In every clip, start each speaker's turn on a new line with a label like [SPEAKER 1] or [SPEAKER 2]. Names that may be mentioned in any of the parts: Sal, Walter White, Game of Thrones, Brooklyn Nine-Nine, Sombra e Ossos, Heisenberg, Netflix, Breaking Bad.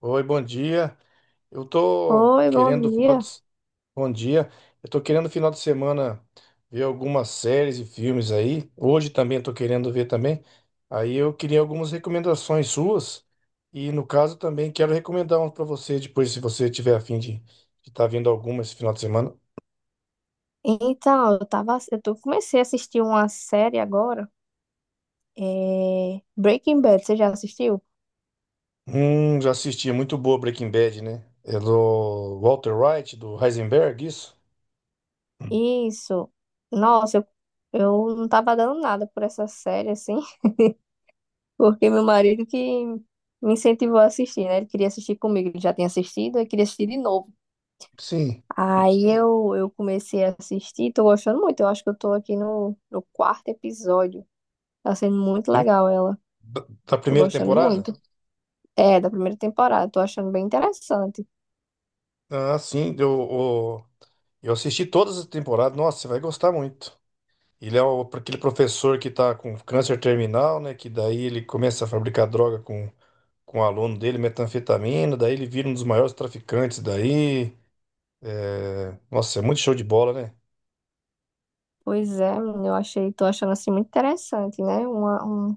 [SPEAKER 1] Oi, bom dia. Eu tô
[SPEAKER 2] Oi, bom
[SPEAKER 1] querendo final de...
[SPEAKER 2] dia.
[SPEAKER 1] Bom dia. Eu tô querendo final de semana ver algumas séries e filmes aí. Hoje também tô querendo ver também. Aí eu queria algumas recomendações suas. E no caso também quero recomendar uns para você depois, se você tiver a fim de estar vendo alguma esse final de semana.
[SPEAKER 2] Então, eu tava, eu tô, Comecei a assistir uma série agora, Breaking Bad, você já assistiu?
[SPEAKER 1] Já assisti. É muito boa Breaking Bad, né? É do Walter White, do Heisenberg, isso?
[SPEAKER 2] Isso. Nossa, eu não tava dando nada por essa série, assim, porque meu marido que me incentivou a assistir, né? Ele queria assistir comigo, ele já tinha assistido, ele queria assistir de novo.
[SPEAKER 1] Sim.
[SPEAKER 2] Aí eu comecei a assistir, tô gostando muito, eu acho que eu tô aqui no quarto episódio. Tá sendo muito
[SPEAKER 1] Prim-
[SPEAKER 2] legal ela,
[SPEAKER 1] da
[SPEAKER 2] tô
[SPEAKER 1] primeira
[SPEAKER 2] gostando
[SPEAKER 1] temporada?
[SPEAKER 2] muito. É, da primeira temporada, tô achando bem interessante.
[SPEAKER 1] Ah, sim. Deu, o Eu assisti todas as temporadas, nossa, você vai gostar muito. Aquele professor que tá com câncer terminal, né? Que daí ele começa a fabricar droga com o aluno dele, metanfetamina, daí ele vira um dos maiores traficantes daí. É, nossa, é muito show de bola, né?
[SPEAKER 2] Pois é, menina, tô achando assim muito interessante, né?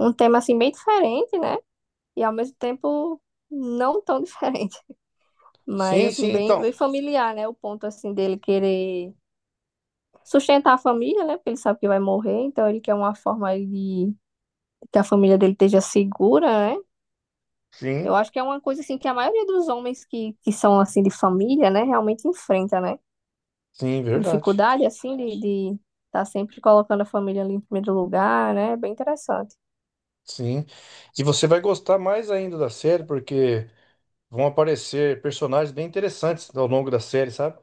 [SPEAKER 2] Um tema assim bem diferente, né? E ao mesmo tempo não tão diferente, mas
[SPEAKER 1] Sim, sim,
[SPEAKER 2] assim
[SPEAKER 1] então.
[SPEAKER 2] bem familiar, né? O ponto assim dele querer sustentar a família, né? Porque ele sabe que vai morrer, então ele quer uma forma de que a família dele esteja segura, né? Eu
[SPEAKER 1] Sim,
[SPEAKER 2] acho que é uma coisa assim que a maioria dos homens que são assim de família, né, realmente enfrenta, né?
[SPEAKER 1] sim, verdade.
[SPEAKER 2] Dificuldade assim de tá sempre colocando a família ali em primeiro lugar, né? É bem interessante.
[SPEAKER 1] Sim. E você vai gostar mais ainda da série, porque vão aparecer personagens bem interessantes ao longo da série, sabe?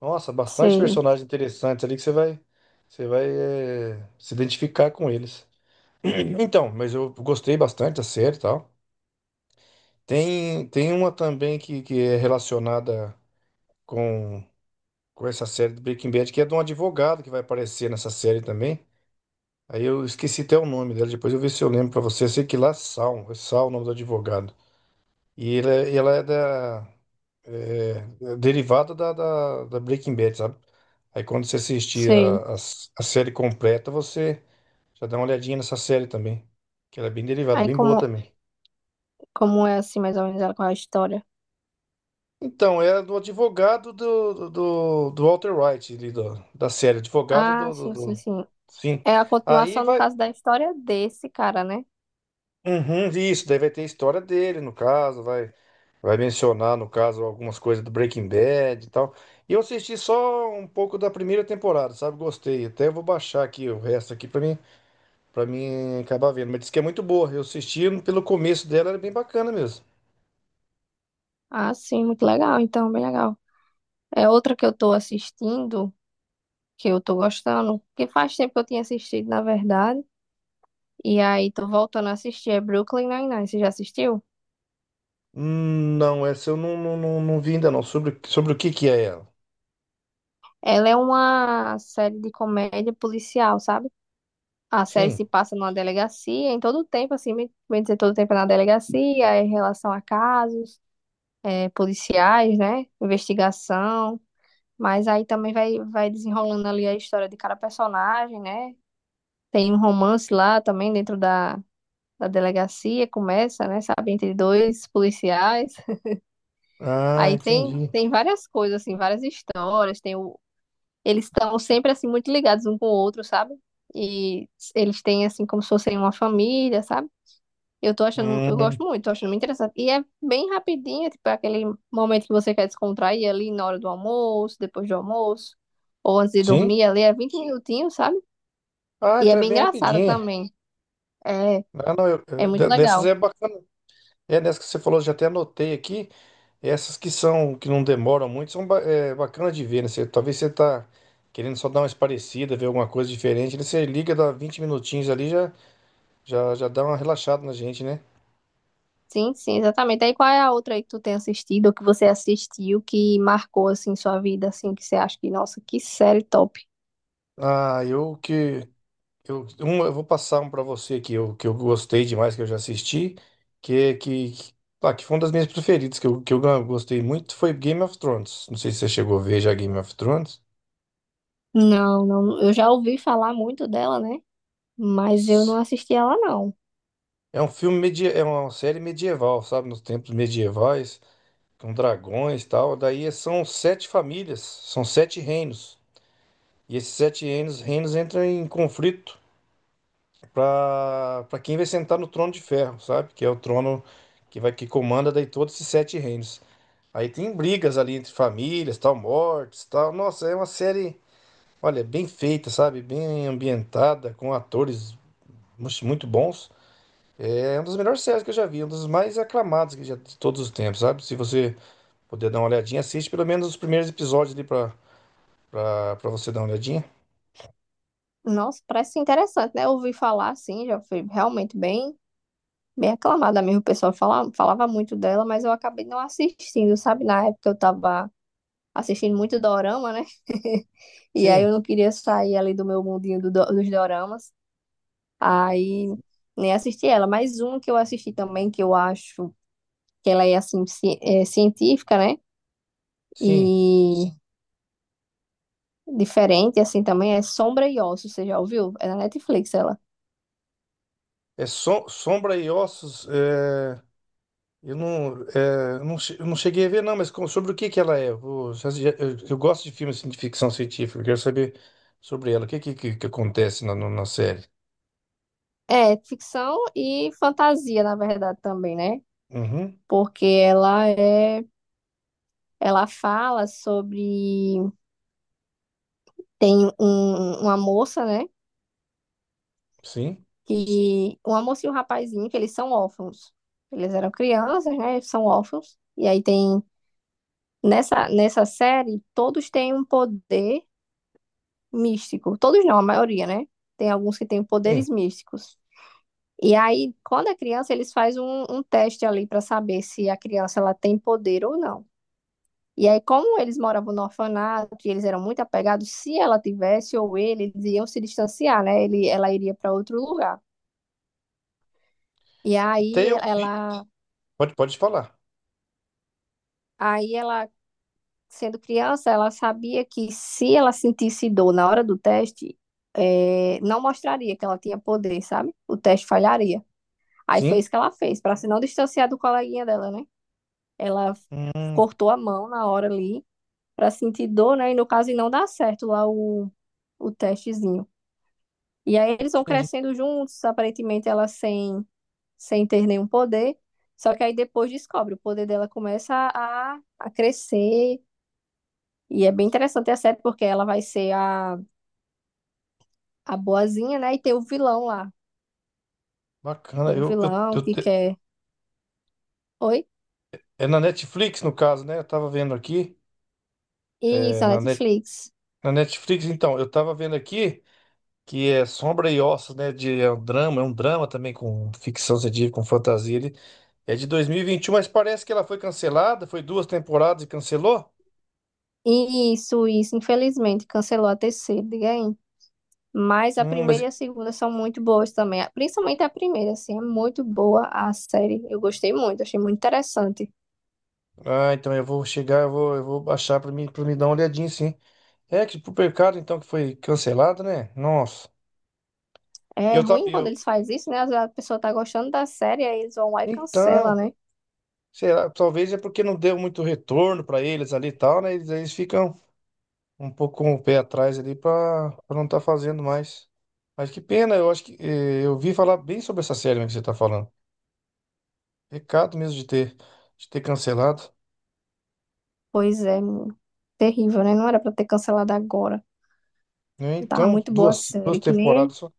[SPEAKER 1] Nossa, bastante
[SPEAKER 2] Sei,
[SPEAKER 1] personagens interessantes ali que você vai se identificar com eles. Então, mas eu gostei bastante da série e tal. Tem uma também que é relacionada com, com essa série do Breaking Bad, que é de um advogado que vai aparecer nessa série também. Aí eu esqueci até o nome dela, depois eu ver se eu lembro pra você. Eu sei que lá é Sal o nome do advogado. E ela é da. É, É derivada da Breaking Bad, sabe? Aí quando você assistir
[SPEAKER 2] sei.
[SPEAKER 1] a série completa, você já dá uma olhadinha nessa série também. Que ela é bem derivada,
[SPEAKER 2] Aí
[SPEAKER 1] bem boa
[SPEAKER 2] como,
[SPEAKER 1] também.
[SPEAKER 2] como é assim, mais ou menos, ela com a história?
[SPEAKER 1] Então, era do advogado do Walter White, da série. Advogado
[SPEAKER 2] Ah, sim.
[SPEAKER 1] Sim.
[SPEAKER 2] É a
[SPEAKER 1] Aí
[SPEAKER 2] continuação, no
[SPEAKER 1] vai.
[SPEAKER 2] caso, da história desse cara, né?
[SPEAKER 1] Uhum, isso, daí vai ter a história dele, no caso, vai. Vai mencionar, no caso, algumas coisas do Breaking Bad e tal. E eu assisti só um pouco da primeira temporada, sabe? Gostei. Até vou baixar aqui o resto aqui pra mim, para mim acabar vendo. Mas disse que é muito boa. Eu assisti pelo começo dela, era bem bacana mesmo.
[SPEAKER 2] Ah, sim, muito legal, então, bem legal. É outra que eu tô assistindo, que eu tô gostando, que faz tempo que eu tinha assistido, na verdade. E aí tô voltando a assistir, é Brooklyn Nine-Nine, você já assistiu?
[SPEAKER 1] Não, essa eu não vi ainda não. Sobre o que que é ela?
[SPEAKER 2] Ela é uma série de comédia policial, sabe? A série
[SPEAKER 1] Sim.
[SPEAKER 2] se passa numa delegacia, em todo o tempo, assim, bem dizer, todo o tempo é na delegacia, é em relação a casos. É, policiais, né? Investigação. Mas aí também vai desenrolando ali a história de cada personagem, né? Tem um romance lá também dentro da delegacia, começa, né? Sabe, entre dois policiais.
[SPEAKER 1] Ah, entendi.
[SPEAKER 2] Tem várias coisas, assim, várias histórias. Eles estão sempre, assim, muito ligados um com o outro, sabe? E eles têm, assim, como se fossem uma família, sabe? Eu
[SPEAKER 1] Hum,
[SPEAKER 2] gosto muito, tô achando muito interessante. E é bem rapidinho, é tipo aquele momento que você quer descontrair ali na hora do almoço, depois do almoço, ou antes de
[SPEAKER 1] sim?
[SPEAKER 2] dormir ali, é 20 minutinhos, sabe?
[SPEAKER 1] Ah,
[SPEAKER 2] E é
[SPEAKER 1] então é
[SPEAKER 2] bem
[SPEAKER 1] bem
[SPEAKER 2] engraçada
[SPEAKER 1] rapidinha.
[SPEAKER 2] também. É,
[SPEAKER 1] Ah, não,
[SPEAKER 2] é muito
[SPEAKER 1] dessas é
[SPEAKER 2] legal.
[SPEAKER 1] bacana. É, nessa que você falou, eu já até anotei aqui. Essas que são, que não demoram muito, são é, bacanas de ver, né? Talvez você tá querendo só dar uma esparecida, ver alguma coisa diferente, né? Você liga, dá 20 minutinhos ali, já dá uma relaxada na gente, né?
[SPEAKER 2] Sim, sim, exatamente. Aí qual é a outra aí que tu tem assistido, ou que você assistiu, que marcou, assim, sua vida, assim, que você acha que, nossa, que série top.
[SPEAKER 1] Ah, eu que... eu vou passar um pra você que eu gostei demais, que eu já assisti, que, que, que, que foi uma das minhas preferidas, que eu gostei muito, foi Game of Thrones. Não sei se você chegou a ver já Game of Thrones.
[SPEAKER 2] Não, não, eu já ouvi falar muito dela, né? Mas eu não assisti ela, não.
[SPEAKER 1] É uma série medieval, sabe? Nos tempos medievais com dragões e tal. Daí é, são sete famílias, são sete reinos. E esses sete reinos entram em conflito para quem vai sentar no trono de ferro, sabe? Que é o trono que comanda daí todos esses sete reinos. Aí tem brigas ali entre famílias, tal, mortes, tal. Nossa, é uma série, olha, bem feita, sabe? Bem ambientada, com atores muito bons. É uma das melhores séries que eu já vi, uma das mais aclamadas que já de todos os tempos, sabe? Se você puder dar uma olhadinha, assiste pelo menos os primeiros episódios ali para você dar uma olhadinha.
[SPEAKER 2] Nossa, parece interessante, né? Eu ouvi falar assim, já foi realmente bem aclamada mesmo. O pessoal falava muito dela, mas eu acabei não assistindo, sabe? Na época eu tava assistindo muito dorama, né? E aí
[SPEAKER 1] Sim,
[SPEAKER 2] eu não queria sair ali do meu mundinho dos doramas. Aí nem assisti ela. Mas um que eu assisti também, que eu acho que ela é assim, é, científica, né?
[SPEAKER 1] sim.
[SPEAKER 2] E diferente assim também é Sombra e Ossos, você já ouviu? É na Netflix ela.
[SPEAKER 1] Sombra e Ossos. Eu não cheguei a ver, não, sobre o que que ela é? Eu, vou- já- já- eu- Eu gosto de filmes assim, de ficção científica, eu quero saber sobre ela. O que, Que acontece na, no- na série?
[SPEAKER 2] É, ficção e fantasia, na verdade, também, né?
[SPEAKER 1] Uhum,
[SPEAKER 2] Porque ela fala sobre, tem um, uma moça, né?
[SPEAKER 1] sim,
[SPEAKER 2] Uma moça e um rapazinho, que eles são órfãos. Eles eram crianças, né? Eles são órfãos. E aí tem, nessa série, todos têm um poder místico. Todos não, a maioria, né? Tem alguns que têm
[SPEAKER 1] sim.
[SPEAKER 2] poderes místicos. E aí, quando é criança, eles fazem um teste ali para saber se a criança ela tem poder ou não. E aí, como eles moravam no orfanato, e eles eram muito apegados, se ela tivesse ou ele, eles iam se distanciar, né? Ela iria para outro lugar. E
[SPEAKER 1] Até
[SPEAKER 2] aí
[SPEAKER 1] eu vi.
[SPEAKER 2] ela,
[SPEAKER 1] Pode, pode falar.
[SPEAKER 2] aí ela, sendo criança, ela sabia que se ela sentisse dor na hora do teste, não mostraria que ela tinha poder, sabe? O teste falharia. Aí foi
[SPEAKER 1] Sim.
[SPEAKER 2] isso que ela fez, para se não distanciar do coleguinha dela, né? Ela
[SPEAKER 1] Hum,
[SPEAKER 2] cortou a mão na hora ali para sentir dor, né? E no caso, e não dá certo lá o testezinho. E aí eles vão
[SPEAKER 1] entendi.
[SPEAKER 2] crescendo juntos, aparentemente ela sem ter nenhum poder. Só que aí depois descobre, o poder dela começa a crescer. E é bem interessante a série, porque ela vai ser a boazinha, né? E tem o vilão lá.
[SPEAKER 1] Bacana.
[SPEAKER 2] Tem o vilão que quer. Oi?
[SPEAKER 1] É na Netflix, no caso, né? Eu tava vendo aqui. é,
[SPEAKER 2] Isso, a
[SPEAKER 1] na, Net-
[SPEAKER 2] Netflix.
[SPEAKER 1] Na Netflix, então, eu tava vendo aqui, que é Sombra e Ossos, né? É um drama também com ficção científica, com fantasia. Ele é de 2021, mas parece que ela foi cancelada, foi duas temporadas e cancelou.
[SPEAKER 2] Isso, isso. Infelizmente, cancelou a terceira, diga aí. Mas a
[SPEAKER 1] Hum,
[SPEAKER 2] primeira
[SPEAKER 1] mas...
[SPEAKER 2] e a segunda são muito boas também. Principalmente a primeira, assim, é muito boa a série. Eu gostei muito, achei muito interessante.
[SPEAKER 1] Ah, então eu vou chegar, eu vou baixar pra mim, pra me dar uma olhadinha, sim. É que pro pecado, então, que foi cancelado, né? Nossa. E
[SPEAKER 2] É
[SPEAKER 1] Eu, ta-
[SPEAKER 2] ruim quando
[SPEAKER 1] eu...
[SPEAKER 2] eles fazem isso, né? Às vezes a pessoa tá gostando da série, aí eles vão lá e cancela,
[SPEAKER 1] Então,
[SPEAKER 2] né?
[SPEAKER 1] será? Talvez é porque não deu muito retorno pra eles ali e tal, né? Eles ficam um pouco com o pé atrás ali pra não estar fazendo mais. Mas que pena, eu acho que eu vi falar bem sobre essa série mesmo que você tá falando. Pecado mesmo de ter cancelado,
[SPEAKER 2] Pois é, menino. Terrível, né? Não era pra ter cancelado agora.
[SPEAKER 1] né?
[SPEAKER 2] Tava
[SPEAKER 1] Então,
[SPEAKER 2] muito boa a
[SPEAKER 1] duas
[SPEAKER 2] série, que nem.
[SPEAKER 1] temporadas só.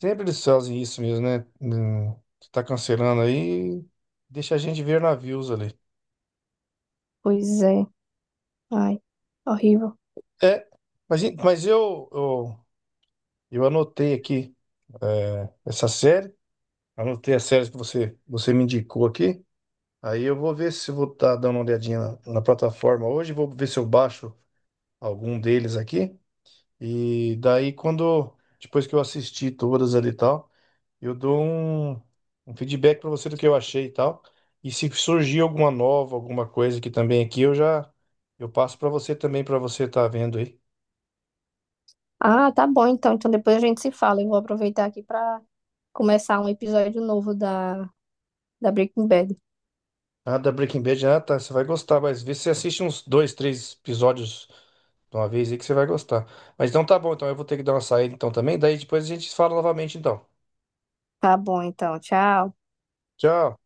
[SPEAKER 1] Sempre eles fazem isso mesmo, né? Tá cancelando aí, deixa a gente ver navios ali.
[SPEAKER 2] Pois é. Ai, horrível.
[SPEAKER 1] É, mas, en- mas eu, eu, eu anotei aqui essa série, anotei as séries que você me indicou aqui. Aí eu vou ver se eu vou estar dando uma olhadinha na plataforma hoje, vou ver se eu baixo algum deles aqui. E daí quando, depois que eu assistir todas ali e tal, eu dou um feedback para você do que eu achei e tal. E se surgir alguma nova, alguma coisa que também aqui, eu passo para você também para você estar vendo aí.
[SPEAKER 2] Ah, tá bom então. Então depois a gente se fala. Eu vou aproveitar aqui pra começar um episódio novo da Breaking Bad.
[SPEAKER 1] Ah, da Breaking Bad, ah, tá, você vai gostar, mas vê se você assiste uns dois, três episódios de uma vez aí que você vai gostar. Mas então tá bom, então eu vou ter que dar uma saída então também, daí depois a gente fala novamente então.
[SPEAKER 2] Tá bom então. Tchau.
[SPEAKER 1] Tchau.